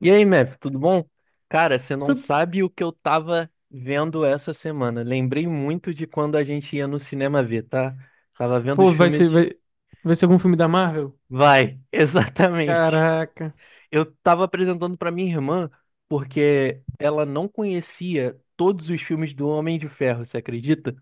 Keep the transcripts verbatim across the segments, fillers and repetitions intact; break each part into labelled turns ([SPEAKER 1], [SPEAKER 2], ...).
[SPEAKER 1] E aí, Mef, tudo bom? Cara, você não
[SPEAKER 2] Tu-
[SPEAKER 1] sabe o que eu tava vendo essa semana. Lembrei muito de quando a gente ia no cinema ver, tá? Tava vendo os
[SPEAKER 2] Pô, vai
[SPEAKER 1] filmes.
[SPEAKER 2] ser, vai, vai ser algum filme da Marvel?
[SPEAKER 1] Vai, exatamente.
[SPEAKER 2] Caraca.
[SPEAKER 1] Eu tava apresentando pra minha irmã porque ela não conhecia todos os filmes do Homem de Ferro, você acredita?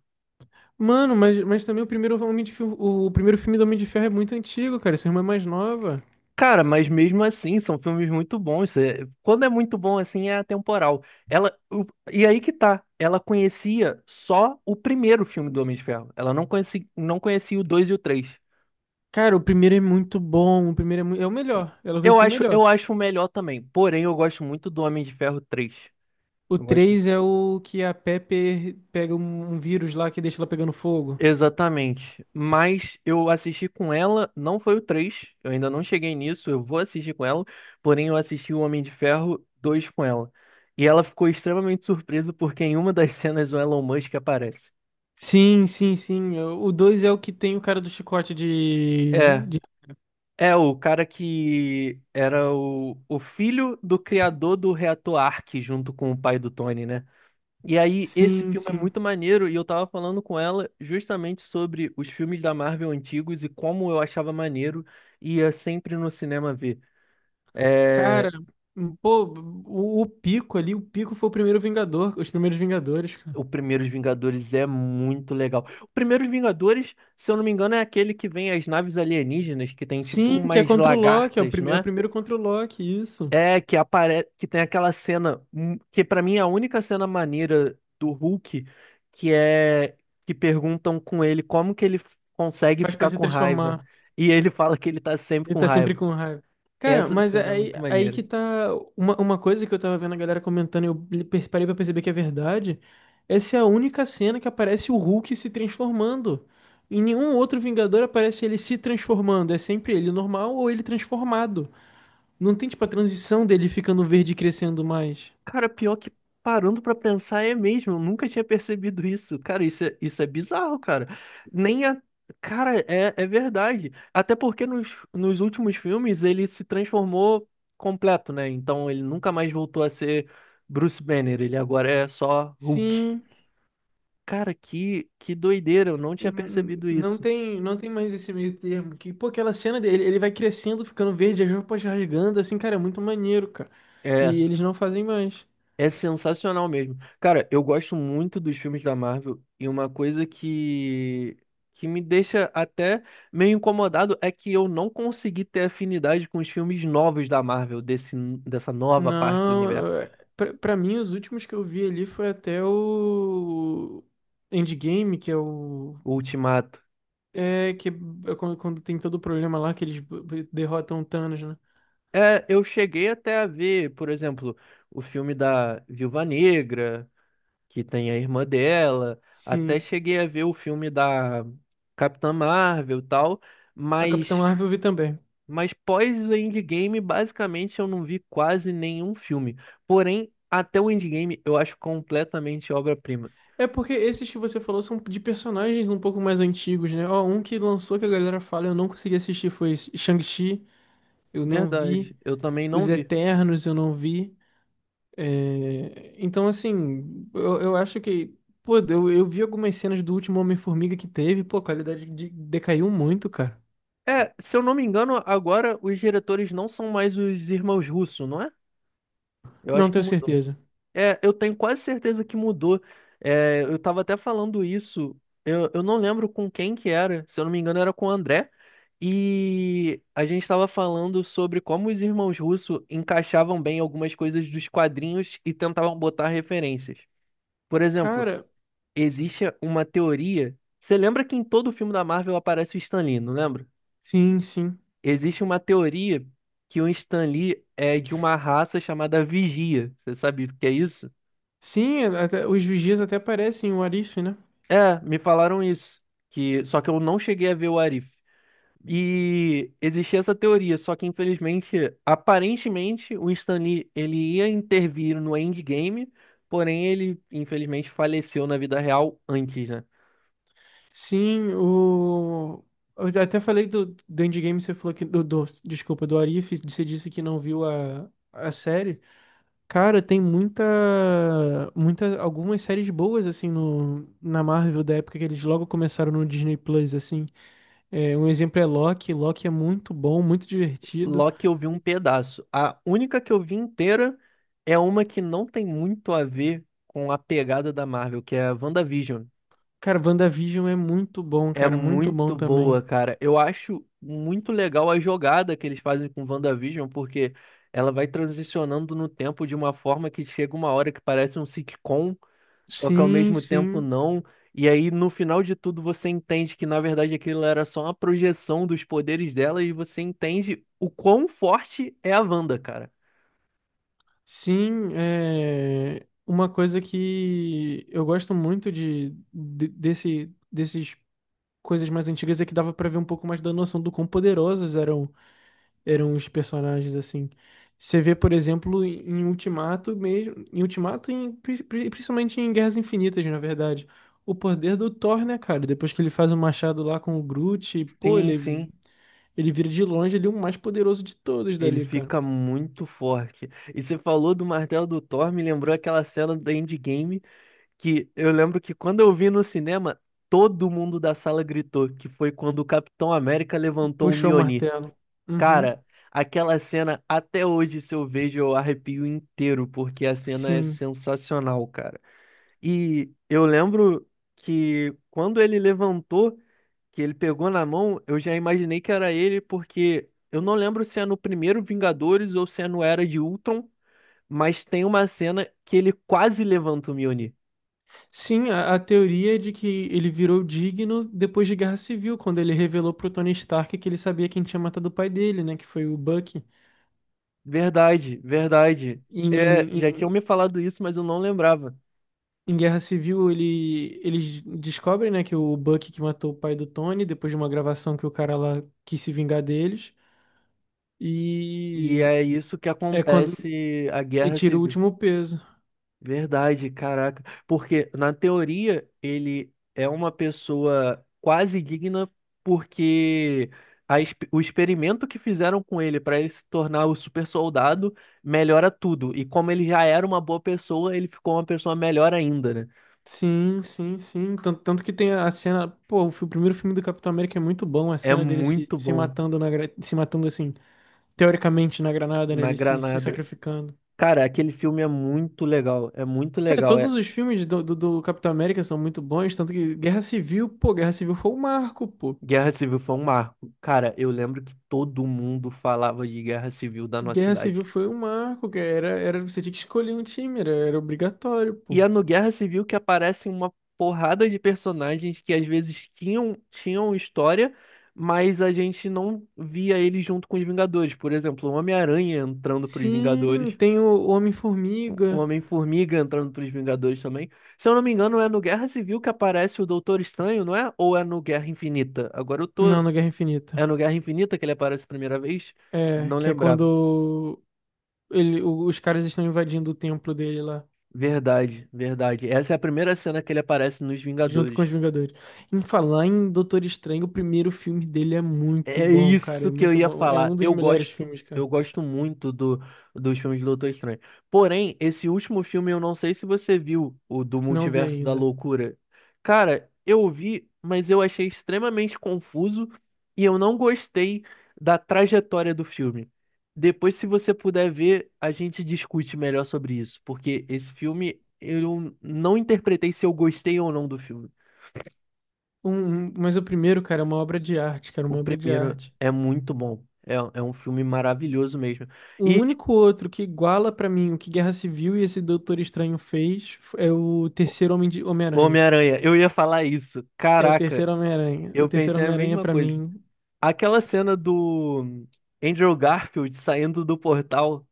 [SPEAKER 2] Mano, mas, mas também o primeiro Homem de Ferro, o, o primeiro filme do Homem de Ferro é muito antigo, cara. Essa irmã é mais nova.
[SPEAKER 1] Cara, mas mesmo assim, são filmes muito bons. É- Quando é muito bom assim, é atemporal. Ela, o- e aí que tá, ela conhecia só o primeiro filme do Homem de Ferro. Ela não conhecia, não conhecia o dois e o três.
[SPEAKER 2] Cara, o primeiro é muito bom. O primeiro é, mui- é o melhor. Ela vai
[SPEAKER 1] Eu
[SPEAKER 2] ser o
[SPEAKER 1] acho,
[SPEAKER 2] melhor.
[SPEAKER 1] eu acho o melhor também. Porém, eu gosto muito do Homem de Ferro três.
[SPEAKER 2] O três é o que a Pepper pega um, um vírus lá que deixa ela pegando fogo.
[SPEAKER 1] Exatamente. Mas eu assisti com ela, não foi o três. Eu ainda não cheguei nisso, eu vou assistir com ela, porém eu assisti o Homem de Ferro dois com ela. E ela ficou extremamente surpresa porque em uma das cenas o Elon Musk aparece.
[SPEAKER 2] Sim, sim, sim. É, O dois é o que tem o cara do chicote
[SPEAKER 1] É,
[SPEAKER 2] de... de-
[SPEAKER 1] é o cara que era o, o filho do criador do reator Ark junto com o pai do Tony, né? E aí, esse
[SPEAKER 2] Sim,
[SPEAKER 1] filme é
[SPEAKER 2] sim.
[SPEAKER 1] muito maneiro, e eu tava falando com ela justamente sobre os filmes da Marvel antigos e como eu achava maneiro e ia sempre no cinema ver. É...
[SPEAKER 2] Cara, pô, o, o Pico ali, o Pico foi o primeiro Vingador, os primeiros Vingadores, cara.
[SPEAKER 1] O Primeiros Vingadores é muito legal. O Primeiros Vingadores, se eu não me engano, é aquele que vem as naves alienígenas, que tem tipo
[SPEAKER 2] Sim, que é
[SPEAKER 1] umas
[SPEAKER 2] contra o Loki, é o,
[SPEAKER 1] lagartas,
[SPEAKER 2] prim-
[SPEAKER 1] não
[SPEAKER 2] é o
[SPEAKER 1] é?
[SPEAKER 2] primeiro contra o Loki, isso.
[SPEAKER 1] É, que aparece, que tem aquela cena, hum, que pra mim é a única cena maneira do Hulk, que é que perguntam com ele como que ele f- consegue
[SPEAKER 2] Faz pra
[SPEAKER 1] ficar
[SPEAKER 2] se
[SPEAKER 1] com raiva.
[SPEAKER 2] transformar.
[SPEAKER 1] E ele fala que ele tá sempre
[SPEAKER 2] Ele
[SPEAKER 1] com
[SPEAKER 2] tá
[SPEAKER 1] raiva.
[SPEAKER 2] sempre com raiva. Cara,
[SPEAKER 1] Essa
[SPEAKER 2] mas é
[SPEAKER 1] cena é
[SPEAKER 2] aí,
[SPEAKER 1] muito
[SPEAKER 2] aí
[SPEAKER 1] maneira.
[SPEAKER 2] que tá. Uma, uma coisa que eu tava vendo a galera comentando e eu li- per- parei pra perceber que é verdade. Essa é a única cena que aparece o Hulk se transformando. Em nenhum outro Vingador aparece ele se transformando. É sempre ele normal ou ele transformado. Não tem, tipo, a transição dele ficando verde e crescendo mais.
[SPEAKER 1] Cara, pior que parando pra pensar é mesmo, eu nunca tinha percebido isso. Cara, isso é, isso é bizarro, cara. Nem a. Cara, é, é verdade. Até porque nos, nos últimos filmes ele se transformou completo, né? Então ele nunca mais voltou a ser Bruce Banner, ele agora é só Hulk.
[SPEAKER 2] Sim.
[SPEAKER 1] Cara, que, que doideira, eu não
[SPEAKER 2] E
[SPEAKER 1] tinha
[SPEAKER 2] n-
[SPEAKER 1] percebido
[SPEAKER 2] não
[SPEAKER 1] isso.
[SPEAKER 2] tem, não tem mais esse meio termo. Que, pô, aquela cena dele, ele vai crescendo, ficando verde, as roupas rasgando, assim, cara, é muito maneiro, cara.
[SPEAKER 1] É.
[SPEAKER 2] E eles não fazem mais.
[SPEAKER 1] É sensacional mesmo. Cara, eu gosto muito dos filmes da Marvel e uma coisa que que me deixa até meio incomodado é que eu não consegui ter afinidade com os filmes novos da Marvel, desse, dessa nova parte do universo,
[SPEAKER 2] Não, é, pra, pra mim, os últimos que eu vi ali foi até o Endgame, que é o.
[SPEAKER 1] o Ultimato.
[SPEAKER 2] É, que é quando, quando tem todo o problema lá, que eles b- b- derrotam o Thanos, né?
[SPEAKER 1] É, eu cheguei até a ver, por exemplo, o filme da Viúva Negra, que tem a irmã dela, até
[SPEAKER 2] Sim.
[SPEAKER 1] cheguei a ver o filme da Capitã Marvel e tal,
[SPEAKER 2] A Capitã
[SPEAKER 1] mas
[SPEAKER 2] Marvel eu vi também.
[SPEAKER 1] Mas pós o Endgame, basicamente, eu não vi quase nenhum filme. Porém, até o Endgame eu acho completamente obra-prima.
[SPEAKER 2] É porque esses que você falou são de personagens um pouco mais antigos, né? Ó, um que lançou que a galera fala, eu não consegui assistir, foi esse Shang-Chi, eu não vi.
[SPEAKER 1] Verdade, eu também não
[SPEAKER 2] Os
[SPEAKER 1] vi.
[SPEAKER 2] Eternos, eu não vi. É, então, assim, eu, eu acho que. Pô, eu, eu vi algumas cenas do último Homem-Formiga que teve, pô, a qualidade de- decaiu muito, cara.
[SPEAKER 1] É, se eu não me engano, agora os diretores não são mais os irmãos Russo, não é? Eu
[SPEAKER 2] Não
[SPEAKER 1] acho que
[SPEAKER 2] tenho
[SPEAKER 1] mudou.
[SPEAKER 2] certeza.
[SPEAKER 1] É, eu tenho quase certeza que mudou. É, eu tava até falando isso. Eu, eu não lembro com quem que era. Se eu não me engano, era com o André. E a gente estava falando sobre como os irmãos Russo encaixavam bem algumas coisas dos quadrinhos e tentavam botar referências. Por exemplo,
[SPEAKER 2] Cara,
[SPEAKER 1] existe uma teoria. Você lembra que em todo filme da Marvel aparece o Stan Lee, não lembra?
[SPEAKER 2] sim, sim.
[SPEAKER 1] Existe uma teoria que o Stan Lee é de uma raça chamada Vigia. Você sabe o que é isso?
[SPEAKER 2] Sim, até- os vigias até parecem o Arif, né?
[SPEAKER 1] É, me falaram isso. Que, só que eu não cheguei a ver o Arif. E existia essa teoria, só que infelizmente, aparentemente, o Stan Lee, ele ia intervir no Endgame, porém ele infelizmente faleceu na vida real antes, né?
[SPEAKER 2] Sim, o. Eu até falei do, do Endgame, você falou que. Do, do- desculpa, do Arif, você disse que não viu a, a série. Cara, tem muita, muita. Algumas séries boas, assim, no, na Marvel da época que eles logo começaram no Disney Plus, assim. É, um exemplo é Loki. Loki é muito bom, muito divertido.
[SPEAKER 1] Loki eu vi um pedaço. A única que eu vi inteira é uma que não tem muito a ver com a pegada da Marvel, que é a WandaVision.
[SPEAKER 2] Cara, WandaVision é muito bom,
[SPEAKER 1] É
[SPEAKER 2] cara, muito
[SPEAKER 1] muito
[SPEAKER 2] bom
[SPEAKER 1] boa,
[SPEAKER 2] também.
[SPEAKER 1] cara. Eu acho muito legal a jogada que eles fazem com WandaVision, porque ela vai transicionando no tempo de uma forma que chega uma hora que parece um sitcom, só que ao
[SPEAKER 2] Sim,
[SPEAKER 1] mesmo tempo
[SPEAKER 2] sim.
[SPEAKER 1] não. E aí, no final de tudo, você entende que, na verdade, aquilo era só uma projeção dos poderes dela e você entende o quão forte é a Wanda, cara.
[SPEAKER 2] Sim, é uma coisa que eu gosto muito de, de- desse desses coisas mais antigas é que dava pra ver um pouco mais da noção do quão poderosos eram eram os personagens assim. Você vê, por exemplo, em Ultimato mesmo, em Ultimato e em, pri- pri- principalmente em Guerras Infinitas, na verdade, o poder do Thor, né, cara? Depois que ele faz o machado lá com o Groot, pô,
[SPEAKER 1] Sim,
[SPEAKER 2] ele
[SPEAKER 1] sim.
[SPEAKER 2] ele vira de longe ele é o mais poderoso de todos
[SPEAKER 1] Ele
[SPEAKER 2] dali, cara.
[SPEAKER 1] fica muito forte. E você falou do martelo do Thor, me lembrou aquela cena do Endgame que eu lembro que quando eu vi no cinema, todo mundo da sala gritou, que foi quando o Capitão América levantou o
[SPEAKER 2] Puxou o
[SPEAKER 1] Mjolnir.
[SPEAKER 2] martelo. Uhum.
[SPEAKER 1] Cara, aquela cena, até hoje, se eu vejo, eu arrepio inteiro, porque a cena é
[SPEAKER 2] Sim.
[SPEAKER 1] sensacional, cara. E eu lembro que quando ele levantou, que ele pegou na mão, eu já imaginei que era ele, porque eu não lembro se é no primeiro Vingadores ou se é no Era de Ultron, mas tem uma cena que ele quase levanta o Mjolnir.
[SPEAKER 2] Sim, a, a teoria é de que ele virou digno depois de Guerra Civil, quando ele revelou pro Tony Stark que ele sabia quem tinha matado o pai dele, né? Que foi o Bucky.
[SPEAKER 1] Verdade, verdade.
[SPEAKER 2] Em, em,
[SPEAKER 1] É, já
[SPEAKER 2] em,
[SPEAKER 1] tinham me falado isso, mas eu não lembrava.
[SPEAKER 2] em Guerra Civil, ele, eles descobrem, né, que o Bucky que matou o pai do Tony, depois de uma gravação que o cara lá quis se vingar deles.
[SPEAKER 1] E
[SPEAKER 2] E
[SPEAKER 1] é isso que
[SPEAKER 2] é quando
[SPEAKER 1] acontece a
[SPEAKER 2] ele
[SPEAKER 1] guerra
[SPEAKER 2] tira o
[SPEAKER 1] civil.
[SPEAKER 2] último peso.
[SPEAKER 1] Verdade, caraca. Porque, na teoria, ele é uma pessoa quase digna, porque a ex- o experimento que fizeram com ele para ele se tornar o super soldado melhora tudo. E como ele já era uma boa pessoa, ele ficou uma pessoa melhor ainda, né?
[SPEAKER 2] Sim, sim, sim. Tanto, tanto que tem a a cena. Pô, o fi- o primeiro filme do Capitão América é muito bom, a
[SPEAKER 1] É
[SPEAKER 2] cena dele se,
[SPEAKER 1] muito
[SPEAKER 2] se
[SPEAKER 1] bom
[SPEAKER 2] matando na, gra- se matando assim. Teoricamente na granada, né?
[SPEAKER 1] na
[SPEAKER 2] Ele se, se
[SPEAKER 1] granada.
[SPEAKER 2] sacrificando.
[SPEAKER 1] Cara, aquele filme é muito legal, é muito
[SPEAKER 2] Cara,
[SPEAKER 1] legal.
[SPEAKER 2] todos
[SPEAKER 1] É...
[SPEAKER 2] os filmes do, do, do Capitão América são muito bons, tanto que Guerra Civil, pô, Guerra Civil foi um marco, pô.
[SPEAKER 1] Guerra Civil foi um marco. Cara, eu lembro que todo mundo falava de Guerra Civil da nossa
[SPEAKER 2] Guerra
[SPEAKER 1] cidade.
[SPEAKER 2] Civil foi um marco, que era, era, você tinha que escolher um time, era, era obrigatório, pô.
[SPEAKER 1] E é no Guerra Civil que aparecem uma porrada de personagens que às vezes tinham, tinham história, mas a gente não via eles junto com os Vingadores. Por exemplo, o Homem-Aranha entrando pros
[SPEAKER 2] Sim,
[SPEAKER 1] Vingadores,
[SPEAKER 2] tem o
[SPEAKER 1] o
[SPEAKER 2] Homem-Formiga.
[SPEAKER 1] Homem-Formiga entrando pros Vingadores também. Se eu não me engano, é no Guerra Civil que aparece o Doutor Estranho, não é? Ou é no Guerra Infinita? Agora eu tô,
[SPEAKER 2] Não, na Guerra Infinita.
[SPEAKER 1] é no Guerra Infinita que ele aparece a primeira vez?
[SPEAKER 2] É,
[SPEAKER 1] Não
[SPEAKER 2] que é
[SPEAKER 1] lembrava.
[SPEAKER 2] quando ele, o- os caras estão invadindo o templo dele lá.
[SPEAKER 1] Verdade, verdade. Essa é a primeira cena que ele aparece nos
[SPEAKER 2] Junto com os
[SPEAKER 1] Vingadores.
[SPEAKER 2] Vingadores. Em falar em Doutor Estranho, o primeiro filme dele é muito
[SPEAKER 1] É é
[SPEAKER 2] bom, cara.
[SPEAKER 1] isso
[SPEAKER 2] É
[SPEAKER 1] que eu
[SPEAKER 2] muito
[SPEAKER 1] ia
[SPEAKER 2] bom. É
[SPEAKER 1] falar.
[SPEAKER 2] um dos
[SPEAKER 1] Eu
[SPEAKER 2] melhores
[SPEAKER 1] gosto,
[SPEAKER 2] filmes, cara.
[SPEAKER 1] eu gosto muito do, dos filmes do Doutor Estranho. Porém, esse último filme, eu não sei se você viu, o do
[SPEAKER 2] Não vi
[SPEAKER 1] Multiverso da
[SPEAKER 2] ainda.
[SPEAKER 1] Loucura. Cara, eu vi, mas eu achei extremamente confuso e eu não gostei da trajetória do filme. Depois, se você puder ver, a gente discute melhor sobre isso, porque esse filme eu não interpretei se eu gostei ou não do filme.
[SPEAKER 2] Um, um- mas o primeiro, cara, é uma obra de arte, cara,
[SPEAKER 1] O
[SPEAKER 2] uma obra de
[SPEAKER 1] primeiro
[SPEAKER 2] arte.
[SPEAKER 1] é muito bom. É, é um filme maravilhoso mesmo.
[SPEAKER 2] O
[SPEAKER 1] E
[SPEAKER 2] único outro que iguala pra mim o que Guerra Civil e esse Doutor Estranho fez é o
[SPEAKER 1] o-
[SPEAKER 2] terceiro Homem de Homem-Aranha.
[SPEAKER 1] Homem-Aranha, eu ia falar isso.
[SPEAKER 2] É o
[SPEAKER 1] Caraca,
[SPEAKER 2] terceiro Homem-Aranha. O
[SPEAKER 1] eu
[SPEAKER 2] terceiro
[SPEAKER 1] pensei a
[SPEAKER 2] Homem-Aranha
[SPEAKER 1] mesma
[SPEAKER 2] pra
[SPEAKER 1] coisa.
[SPEAKER 2] mim.
[SPEAKER 1] Aquela cena do Andrew Garfield saindo do portal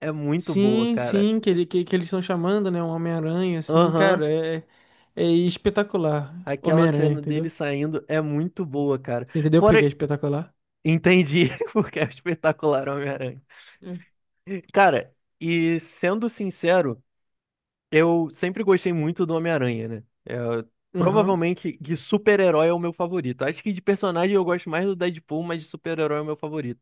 [SPEAKER 1] é muito boa,
[SPEAKER 2] Sim,
[SPEAKER 1] cara.
[SPEAKER 2] sim, que, ele, que, que eles estão chamando, né? Um Homem-Aranha, assim,
[SPEAKER 1] Aham,
[SPEAKER 2] cara, é, é espetacular.
[SPEAKER 1] aquela
[SPEAKER 2] Homem-Aranha,
[SPEAKER 1] cena dele
[SPEAKER 2] entendeu?
[SPEAKER 1] saindo é muito boa, cara.
[SPEAKER 2] Você entendeu por que
[SPEAKER 1] Fora,
[SPEAKER 2] que é espetacular?
[SPEAKER 1] entendi, porque é o espetacular Homem-Aranha.
[SPEAKER 2] Hum.
[SPEAKER 1] Cara, e sendo sincero. Eu sempre gostei muito do Homem-Aranha, né? É,
[SPEAKER 2] Aham.
[SPEAKER 1] provavelmente de super-herói é o meu favorito. Acho que de personagem eu gosto mais do Deadpool, mas de super-herói é o meu favorito.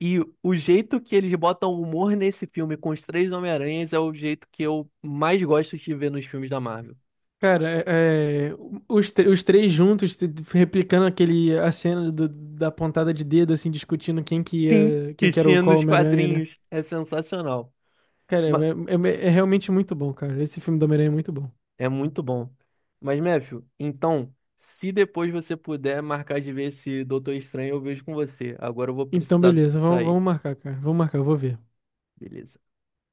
[SPEAKER 1] E o jeito que eles botam humor nesse filme com os três Homem-Aranhas é o jeito que eu mais gosto de ver nos filmes da Marvel.
[SPEAKER 2] Cara, é, é, os, tre- os três juntos te- replicando aquele a cena do- da pontada de dedo, assim, discutindo quem que
[SPEAKER 1] Sim.
[SPEAKER 2] ia, quem
[SPEAKER 1] Que
[SPEAKER 2] que era o
[SPEAKER 1] tinha
[SPEAKER 2] qual
[SPEAKER 1] nos
[SPEAKER 2] Homem-Aranha, né?
[SPEAKER 1] quadrinhos. É sensacional.
[SPEAKER 2] Cara, é,
[SPEAKER 1] Ma-
[SPEAKER 2] é- é é realmente muito bom, cara. Esse filme do Homem-Aranha é muito bom.
[SPEAKER 1] É muito bom. Mas, Matthew, então, se depois você puder marcar de ver esse Doutor Estranho, eu vejo com você. Agora eu vou
[SPEAKER 2] Então,
[SPEAKER 1] precisar
[SPEAKER 2] beleza, vamos,
[SPEAKER 1] sair.
[SPEAKER 2] vamos marcar, cara. Vamos marcar, eu vou ver.
[SPEAKER 1] Beleza.